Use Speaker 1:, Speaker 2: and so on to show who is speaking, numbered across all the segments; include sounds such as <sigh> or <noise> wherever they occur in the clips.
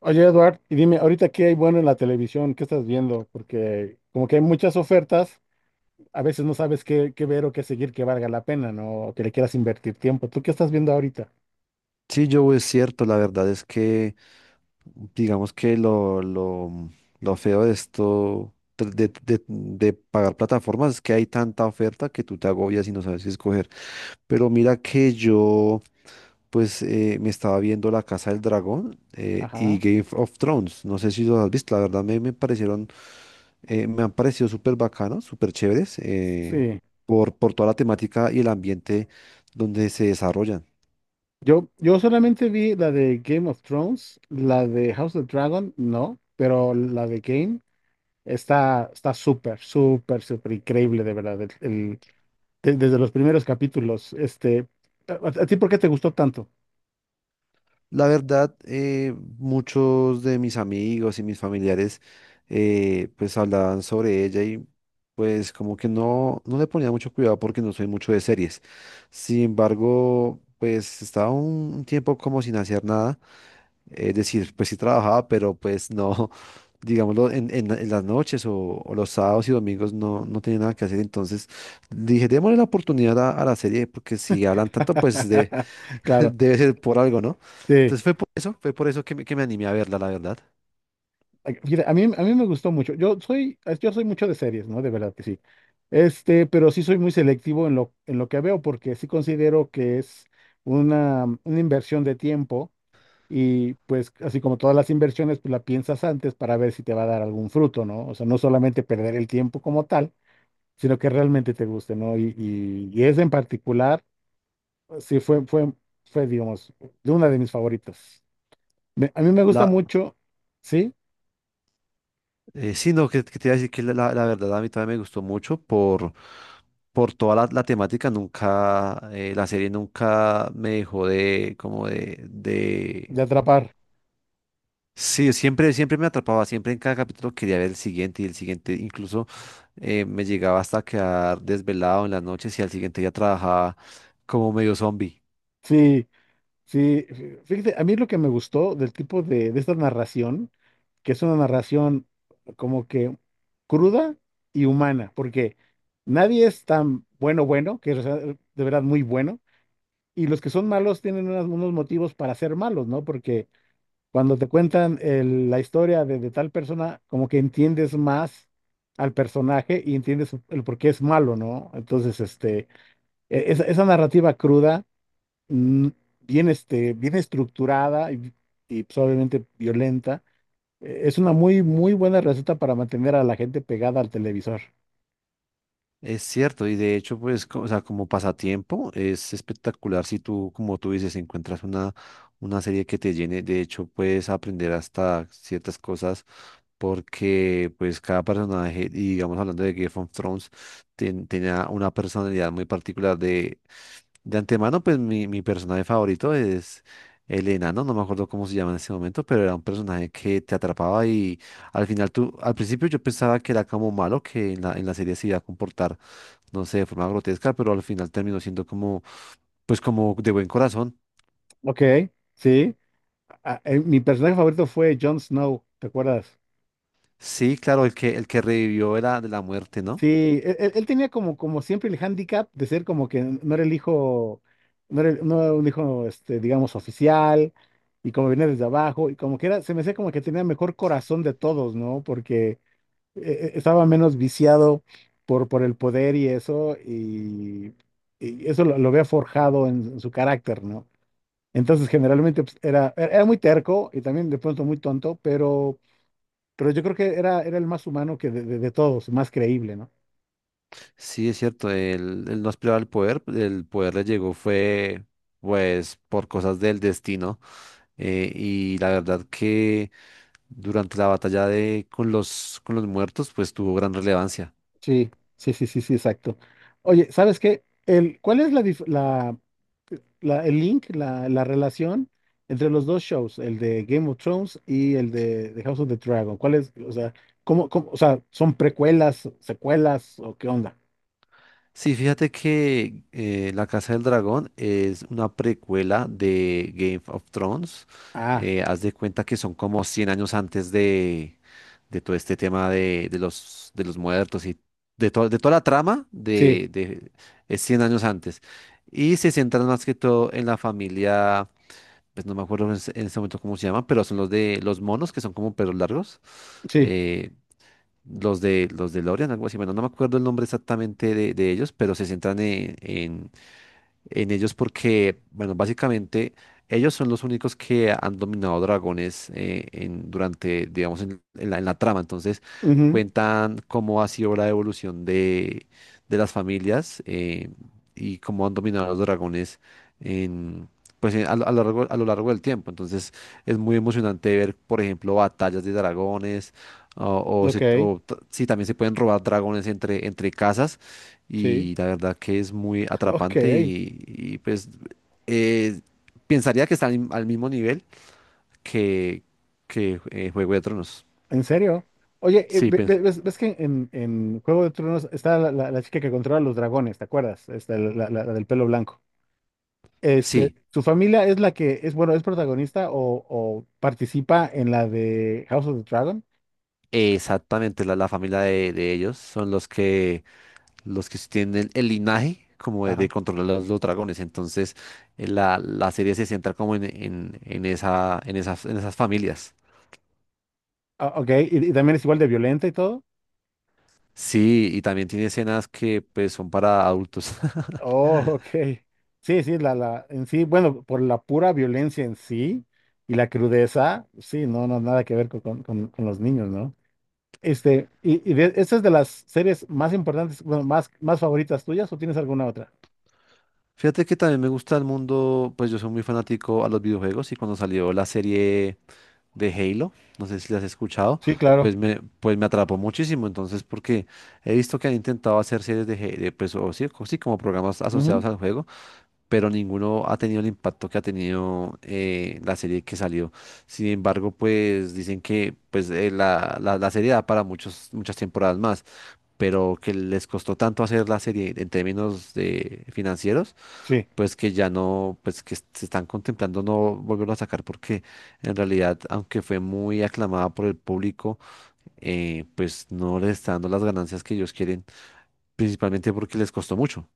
Speaker 1: Oye, Eduard, y dime, ahorita qué hay bueno en la televisión, ¿qué estás viendo? Porque como que hay muchas ofertas, a veces no sabes qué ver o qué seguir que valga la pena, ¿no? O que le quieras invertir tiempo. ¿Tú qué estás viendo ahorita?
Speaker 2: Sí, yo es cierto, la verdad es que digamos que lo feo de esto, de pagar plataformas, es que hay tanta oferta que tú te agobias y no sabes qué escoger. Pero mira que yo, pues, me estaba viendo La Casa del Dragón y
Speaker 1: Ajá.
Speaker 2: Game of Thrones. No sé si los has visto, la verdad me me han parecido súper bacanos, súper chéveres,
Speaker 1: Sí.
Speaker 2: por toda la temática y el ambiente donde se desarrollan.
Speaker 1: Yo solamente vi la de Game of Thrones, la de House of Dragon, no, pero la de Game está súper, súper, súper increíble, de verdad. Desde los primeros capítulos, ¿ A ti por qué te gustó tanto?
Speaker 2: La verdad, muchos de mis amigos y mis familiares pues hablaban sobre ella y pues como que no, no le ponía mucho cuidado porque no soy mucho de series. Sin embargo, pues estaba un tiempo como sin hacer nada. Es decir, pues sí trabajaba, pero pues no, <laughs> digámoslo, en las noches o los sábados y domingos no, no tenía nada que hacer. Entonces dije, démosle la oportunidad a la serie porque si hablan tanto, pues
Speaker 1: <laughs>
Speaker 2: <laughs>
Speaker 1: Claro,
Speaker 2: debe ser por algo, ¿no?
Speaker 1: sí.
Speaker 2: Entonces fue por eso que que me animé a verla, la verdad.
Speaker 1: Ay, fíjate, a mí me gustó mucho. Yo soy mucho de series, ¿no? De verdad que sí. Este, pero sí soy muy selectivo en lo que veo, porque sí considero que es una inversión de tiempo y pues así como todas las inversiones, pues la piensas antes para ver si te va a dar algún fruto, ¿no? O sea, no solamente perder el tiempo como tal, sino que realmente te guste, ¿no? Y esa en particular, sí digamos, de una de mis favoritas. A mí me gusta
Speaker 2: La,
Speaker 1: mucho, ¿sí?
Speaker 2: sí, no, que te iba a decir que la verdad a mí también me gustó mucho por toda la temática. Nunca, la serie nunca me dejó de, como de,
Speaker 1: De
Speaker 2: de...
Speaker 1: atrapar.
Speaker 2: Sí, siempre, siempre me atrapaba, siempre en cada capítulo quería ver el siguiente y el siguiente. Incluso me llegaba hasta quedar desvelado en las noches y al siguiente ya trabajaba como medio zombie.
Speaker 1: Sí, Sí, fíjate, a mí lo que me gustó del tipo de esta narración, que es una narración como que cruda y humana, porque nadie es tan bueno, bueno, que es de verdad muy bueno, y los que son malos tienen unos motivos para ser malos, ¿no? Porque cuando te cuentan la historia de tal persona, como que entiendes más al personaje y entiendes el por qué es malo, ¿no? Entonces, esa narrativa cruda, mm, bien, bien estructurada y, pues, obviamente violenta. Es una muy, muy buena receta para mantener a la gente pegada al televisor.
Speaker 2: Es cierto, y de hecho, pues, o sea, como pasatiempo, es espectacular si tú, como tú dices, encuentras una serie que te llene. De hecho, puedes aprender hasta ciertas cosas porque, pues, cada personaje, y digamos, hablando de Game of Thrones, tenía una personalidad muy particular. De antemano, pues, mi personaje favorito es el enano, no me acuerdo cómo se llama en ese momento, pero era un personaje que te atrapaba y al final tú, al principio yo pensaba que era como malo, que en en la serie se iba a comportar no sé, de forma grotesca, pero al final terminó siendo como, pues como de buen corazón.
Speaker 1: Ok, sí. Ah, mi personaje favorito fue Jon Snow, ¿te acuerdas?
Speaker 2: Sí, claro, el que revivió era de la muerte, ¿no?
Speaker 1: Sí, él tenía como, como siempre el hándicap de ser como que no era el hijo, no no era un hijo, este, digamos, oficial, y como venía desde abajo, y como que era, se me hacía como que tenía mejor corazón de todos, ¿no? Porque estaba menos viciado por el poder y eso lo había forjado en su carácter, ¿no? Entonces, generalmente pues, era muy terco y también de pronto muy tonto, pero yo creo que era el más humano de todos, más creíble, ¿no?
Speaker 2: Sí, es cierto, él no aspiraba al poder, el poder le llegó fue, pues, por cosas del destino. Y la verdad que durante la batalla de, con los muertos, pues tuvo gran relevancia.
Speaker 1: Sí, sí, sí, sí, sí, exacto. Oye, ¿sabes qué? ¿Cuál es la, dif- la- el link, la relación entre los dos shows, el de Game of Thrones y el de House of the Dragon? ¿Cuál es? O sea, ¿ o sea, ¿son precuelas, secuelas o qué onda?
Speaker 2: Sí, fíjate que La Casa del Dragón es una precuela de Game of Thrones.
Speaker 1: Ah,
Speaker 2: Haz de cuenta que son como 100 años antes de todo este tema de los muertos y de, de toda la trama
Speaker 1: sí,
Speaker 2: es 100 años antes. Y se centran más que todo en la familia, pues no me acuerdo en ese momento cómo se llama, pero son los de los monos que son como perros largos.
Speaker 1: sí.
Speaker 2: Eh, los de Lorian, algo así. Bueno, no me acuerdo el nombre exactamente de ellos, pero se centran en, en ellos porque, bueno, básicamente ellos son los únicos que han dominado dragones en, durante, digamos, en en la trama. Entonces,
Speaker 1: Ujú,
Speaker 2: cuentan cómo ha sido la evolución de las familias y cómo han dominado los dragones en... Pues a lo largo del tiempo. Entonces es muy emocionante ver, por ejemplo, batallas de dragones o,
Speaker 1: ok,
Speaker 2: sí, también se pueden robar dragones entre, entre casas
Speaker 1: sí.
Speaker 2: y la verdad que es muy
Speaker 1: <laughs> Ok,
Speaker 2: atrapante
Speaker 1: ¿en
Speaker 2: y, pues eh, pensaría que está al, al mismo nivel que, que Juego de Tronos.
Speaker 1: serio? Oye,
Speaker 2: Sí, pues,
Speaker 1: ves que en Juego de Tronos está la chica que controla los dragones, ¿te acuerdas? Esta, la del pelo blanco. Este,
Speaker 2: sí,
Speaker 1: su familia es la que es, bueno, es protagonista o participa en la de House of the Dragon.
Speaker 2: exactamente, la familia de ellos son los que tienen el linaje como de
Speaker 1: Ajá.
Speaker 2: controlar los dragones, entonces la serie se centra como en, en en esas familias.
Speaker 1: Ah, ok, ¿y, y también es igual de violenta y todo?
Speaker 2: Sí, y también tiene escenas que pues son para adultos. <laughs>
Speaker 1: Oh, ok. Sí, sí, en sí, bueno, por la pura violencia en sí y la crudeza, sí, no, no, nada que ver con los niños, ¿no? Este, y de, ¿esta es de las series más importantes, bueno, más favoritas tuyas o tienes alguna otra?
Speaker 2: Fíjate que también me gusta el mundo, pues yo soy muy fanático a los videojuegos y cuando salió la serie de Halo, no sé si la has escuchado,
Speaker 1: Sí, claro.
Speaker 2: pues me atrapó muchísimo. Entonces, porque he visto que han intentado hacer series de, Halo, pues o sí, sí, como programas
Speaker 1: Ujú,
Speaker 2: asociados al juego pero ninguno ha tenido el impacto que ha tenido la serie que salió. Sin embargo, pues dicen que pues, la serie da para muchas temporadas más, pero que les costó tanto hacer la serie en términos de financieros,
Speaker 1: sí,
Speaker 2: pues que ya no, pues que se están contemplando no volverlo a sacar porque en realidad, aunque fue muy aclamada por el público, pues no les está dando las ganancias que ellos quieren, principalmente porque les costó mucho.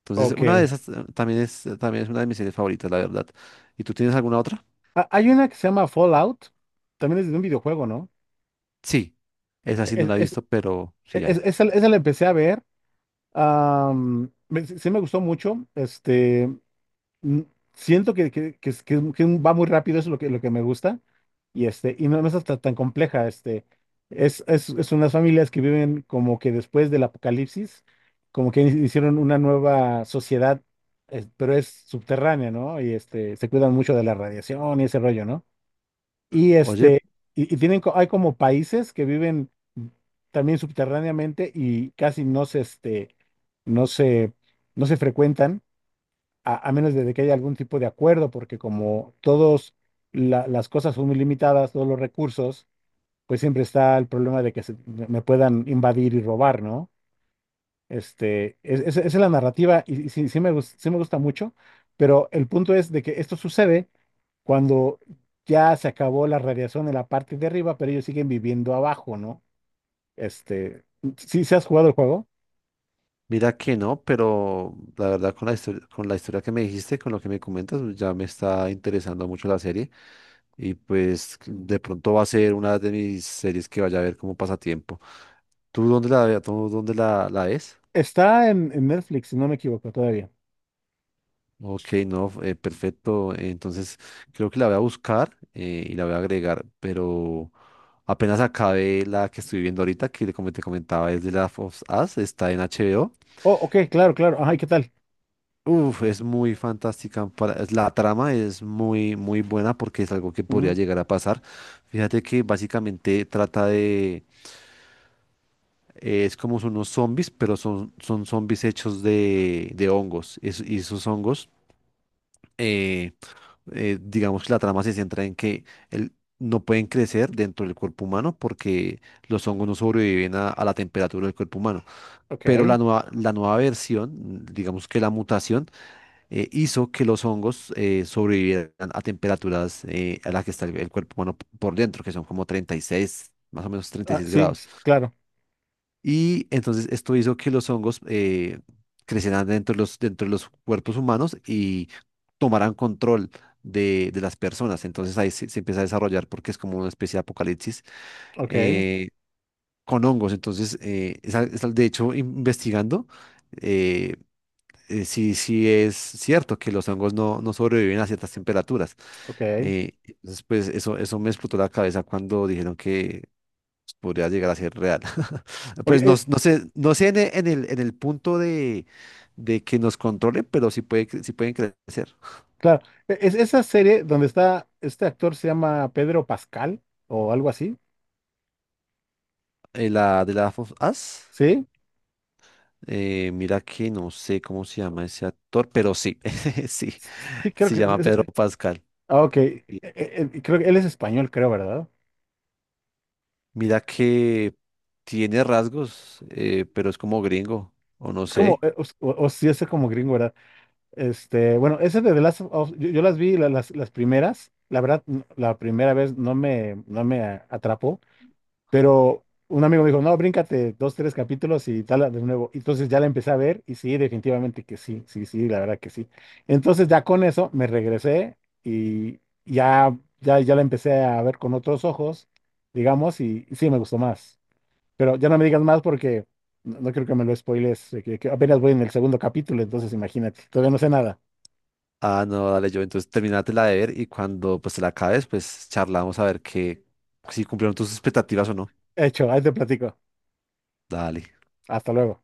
Speaker 2: Entonces, una de
Speaker 1: ok.
Speaker 2: esas también es una de mis series favoritas, la verdad. ¿Y tú tienes alguna otra?
Speaker 1: Ah, hay una que se llama Fallout, también es de un videojuego, ¿no?
Speaker 2: Sí, esa sí no
Speaker 1: Es,
Speaker 2: la he
Speaker 1: es,
Speaker 2: visto, pero sí hay.
Speaker 1: esa la empecé a ver, sí sí me gustó mucho, este. Mm, siento que, que va muy rápido, eso es lo que me gusta, y, este, y no, no es hasta tan compleja, este, es unas familias que viven como que después del apocalipsis, como que hicieron una nueva sociedad, pero es subterránea, ¿no? Y este, se cuidan mucho de la radiación y ese rollo, ¿no? Y
Speaker 2: Oye,
Speaker 1: este, y tienen, hay como países que viven también subterráneamente y casi no se, este, no se, no se frecuentan a menos de que haya algún tipo de acuerdo, porque como todas las cosas son muy limitadas, todos los recursos, pues siempre está el problema de que me puedan invadir y robar, ¿no? Este, esa es la narrativa y sí, sí me gusta mucho, pero el punto es de que esto sucede cuando ya se acabó la radiación en la parte de arriba, pero ellos siguen viviendo abajo, ¿no? Este, si ¿sí has jugado el juego?
Speaker 2: mira que no, pero la verdad con la historia que me dijiste, con lo que me comentas, pues, ya me está interesando mucho la serie y pues de pronto va a ser una de mis series que vaya a ver como pasatiempo. ¿Tú dónde la, la ves?
Speaker 1: Está en Netflix, si no me equivoco todavía.
Speaker 2: Ok, no, perfecto. Entonces, creo que la voy a buscar y la voy a agregar, pero apenas acabé la que estoy viendo ahorita, que como te comentaba es de la of Us, está en HBO.
Speaker 1: Oh, ok, claro, claro. Ay, ¿qué tal?
Speaker 2: Uf, es muy fantástica. La trama es muy, muy buena porque es algo que podría
Speaker 1: Ujú,
Speaker 2: llegar a pasar. Fíjate que básicamente trata de... es como son unos zombies, pero son, son zombies hechos de hongos. Y esos hongos... eh, digamos que la trama se centra en que no pueden crecer dentro del cuerpo humano porque los hongos no sobreviven a la temperatura del cuerpo humano. Pero
Speaker 1: ok.
Speaker 2: la nueva versión, mm, digamos que la mutación, hizo que los hongos sobrevivieran a temperaturas a las que está el cuerpo humano por dentro, que son como 36, más o menos
Speaker 1: Ah,
Speaker 2: 36
Speaker 1: sí,
Speaker 2: grados.
Speaker 1: claro.
Speaker 2: Y entonces esto hizo que los hongos crecieran dentro de los cuerpos humanos y tomaran control de las personas. Entonces ahí se, se empieza a desarrollar porque es como una especie de apocalipsis
Speaker 1: Ok,
Speaker 2: eh, con hongos. Entonces, de hecho, investigando, eh, sí, sí es cierto que los hongos no, no sobreviven a ciertas temperaturas.
Speaker 1: ok.
Speaker 2: Entonces, pues eso me explotó la cabeza cuando dijeron que podría llegar a ser real. <laughs>
Speaker 1: Ok,
Speaker 2: Pues no, no sé, no sé en, en el punto de que nos controle, pero sí, puede, sí pueden crecer.
Speaker 1: claro. Es esa serie donde está este actor, se llama Pedro Pascal o algo así.
Speaker 2: La de la of Us,
Speaker 1: Sí,
Speaker 2: mira que no sé cómo se llama ese actor, pero sí, <laughs> sí,
Speaker 1: sí, creo
Speaker 2: se
Speaker 1: que es.
Speaker 2: llama Pedro Pascal.
Speaker 1: Ah, ok.
Speaker 2: Sí.
Speaker 1: Creo que él es español, creo, ¿verdad?
Speaker 2: Mira que tiene rasgos, pero es como gringo, o no
Speaker 1: Es como,
Speaker 2: sé.
Speaker 1: o sí, es como gringo, ¿verdad? Este, bueno, ese de The Last of Us, yo las vi las primeras. La verdad, la primera vez no no me atrapó. Pero un amigo me dijo, no, bríncate dos, tres capítulos y tal de nuevo. Entonces ya la empecé a ver y sí, definitivamente que sí, sí, sí, la verdad que sí. Entonces ya con eso me regresé y ya, ya, ya la empecé a ver con otros ojos, digamos, y sí me gustó más. Pero ya no me digas más porque no, no creo que me lo spoiles, que apenas voy en el segundo capítulo, entonces imagínate, todavía no sé nada.
Speaker 2: Ah, no, dale yo, entonces terminatela de ver y cuando pues te la acabes, pues charlamos a ver que si cumplieron tus expectativas o no.
Speaker 1: Hecho, ahí te platico.
Speaker 2: Dale.
Speaker 1: Hasta luego.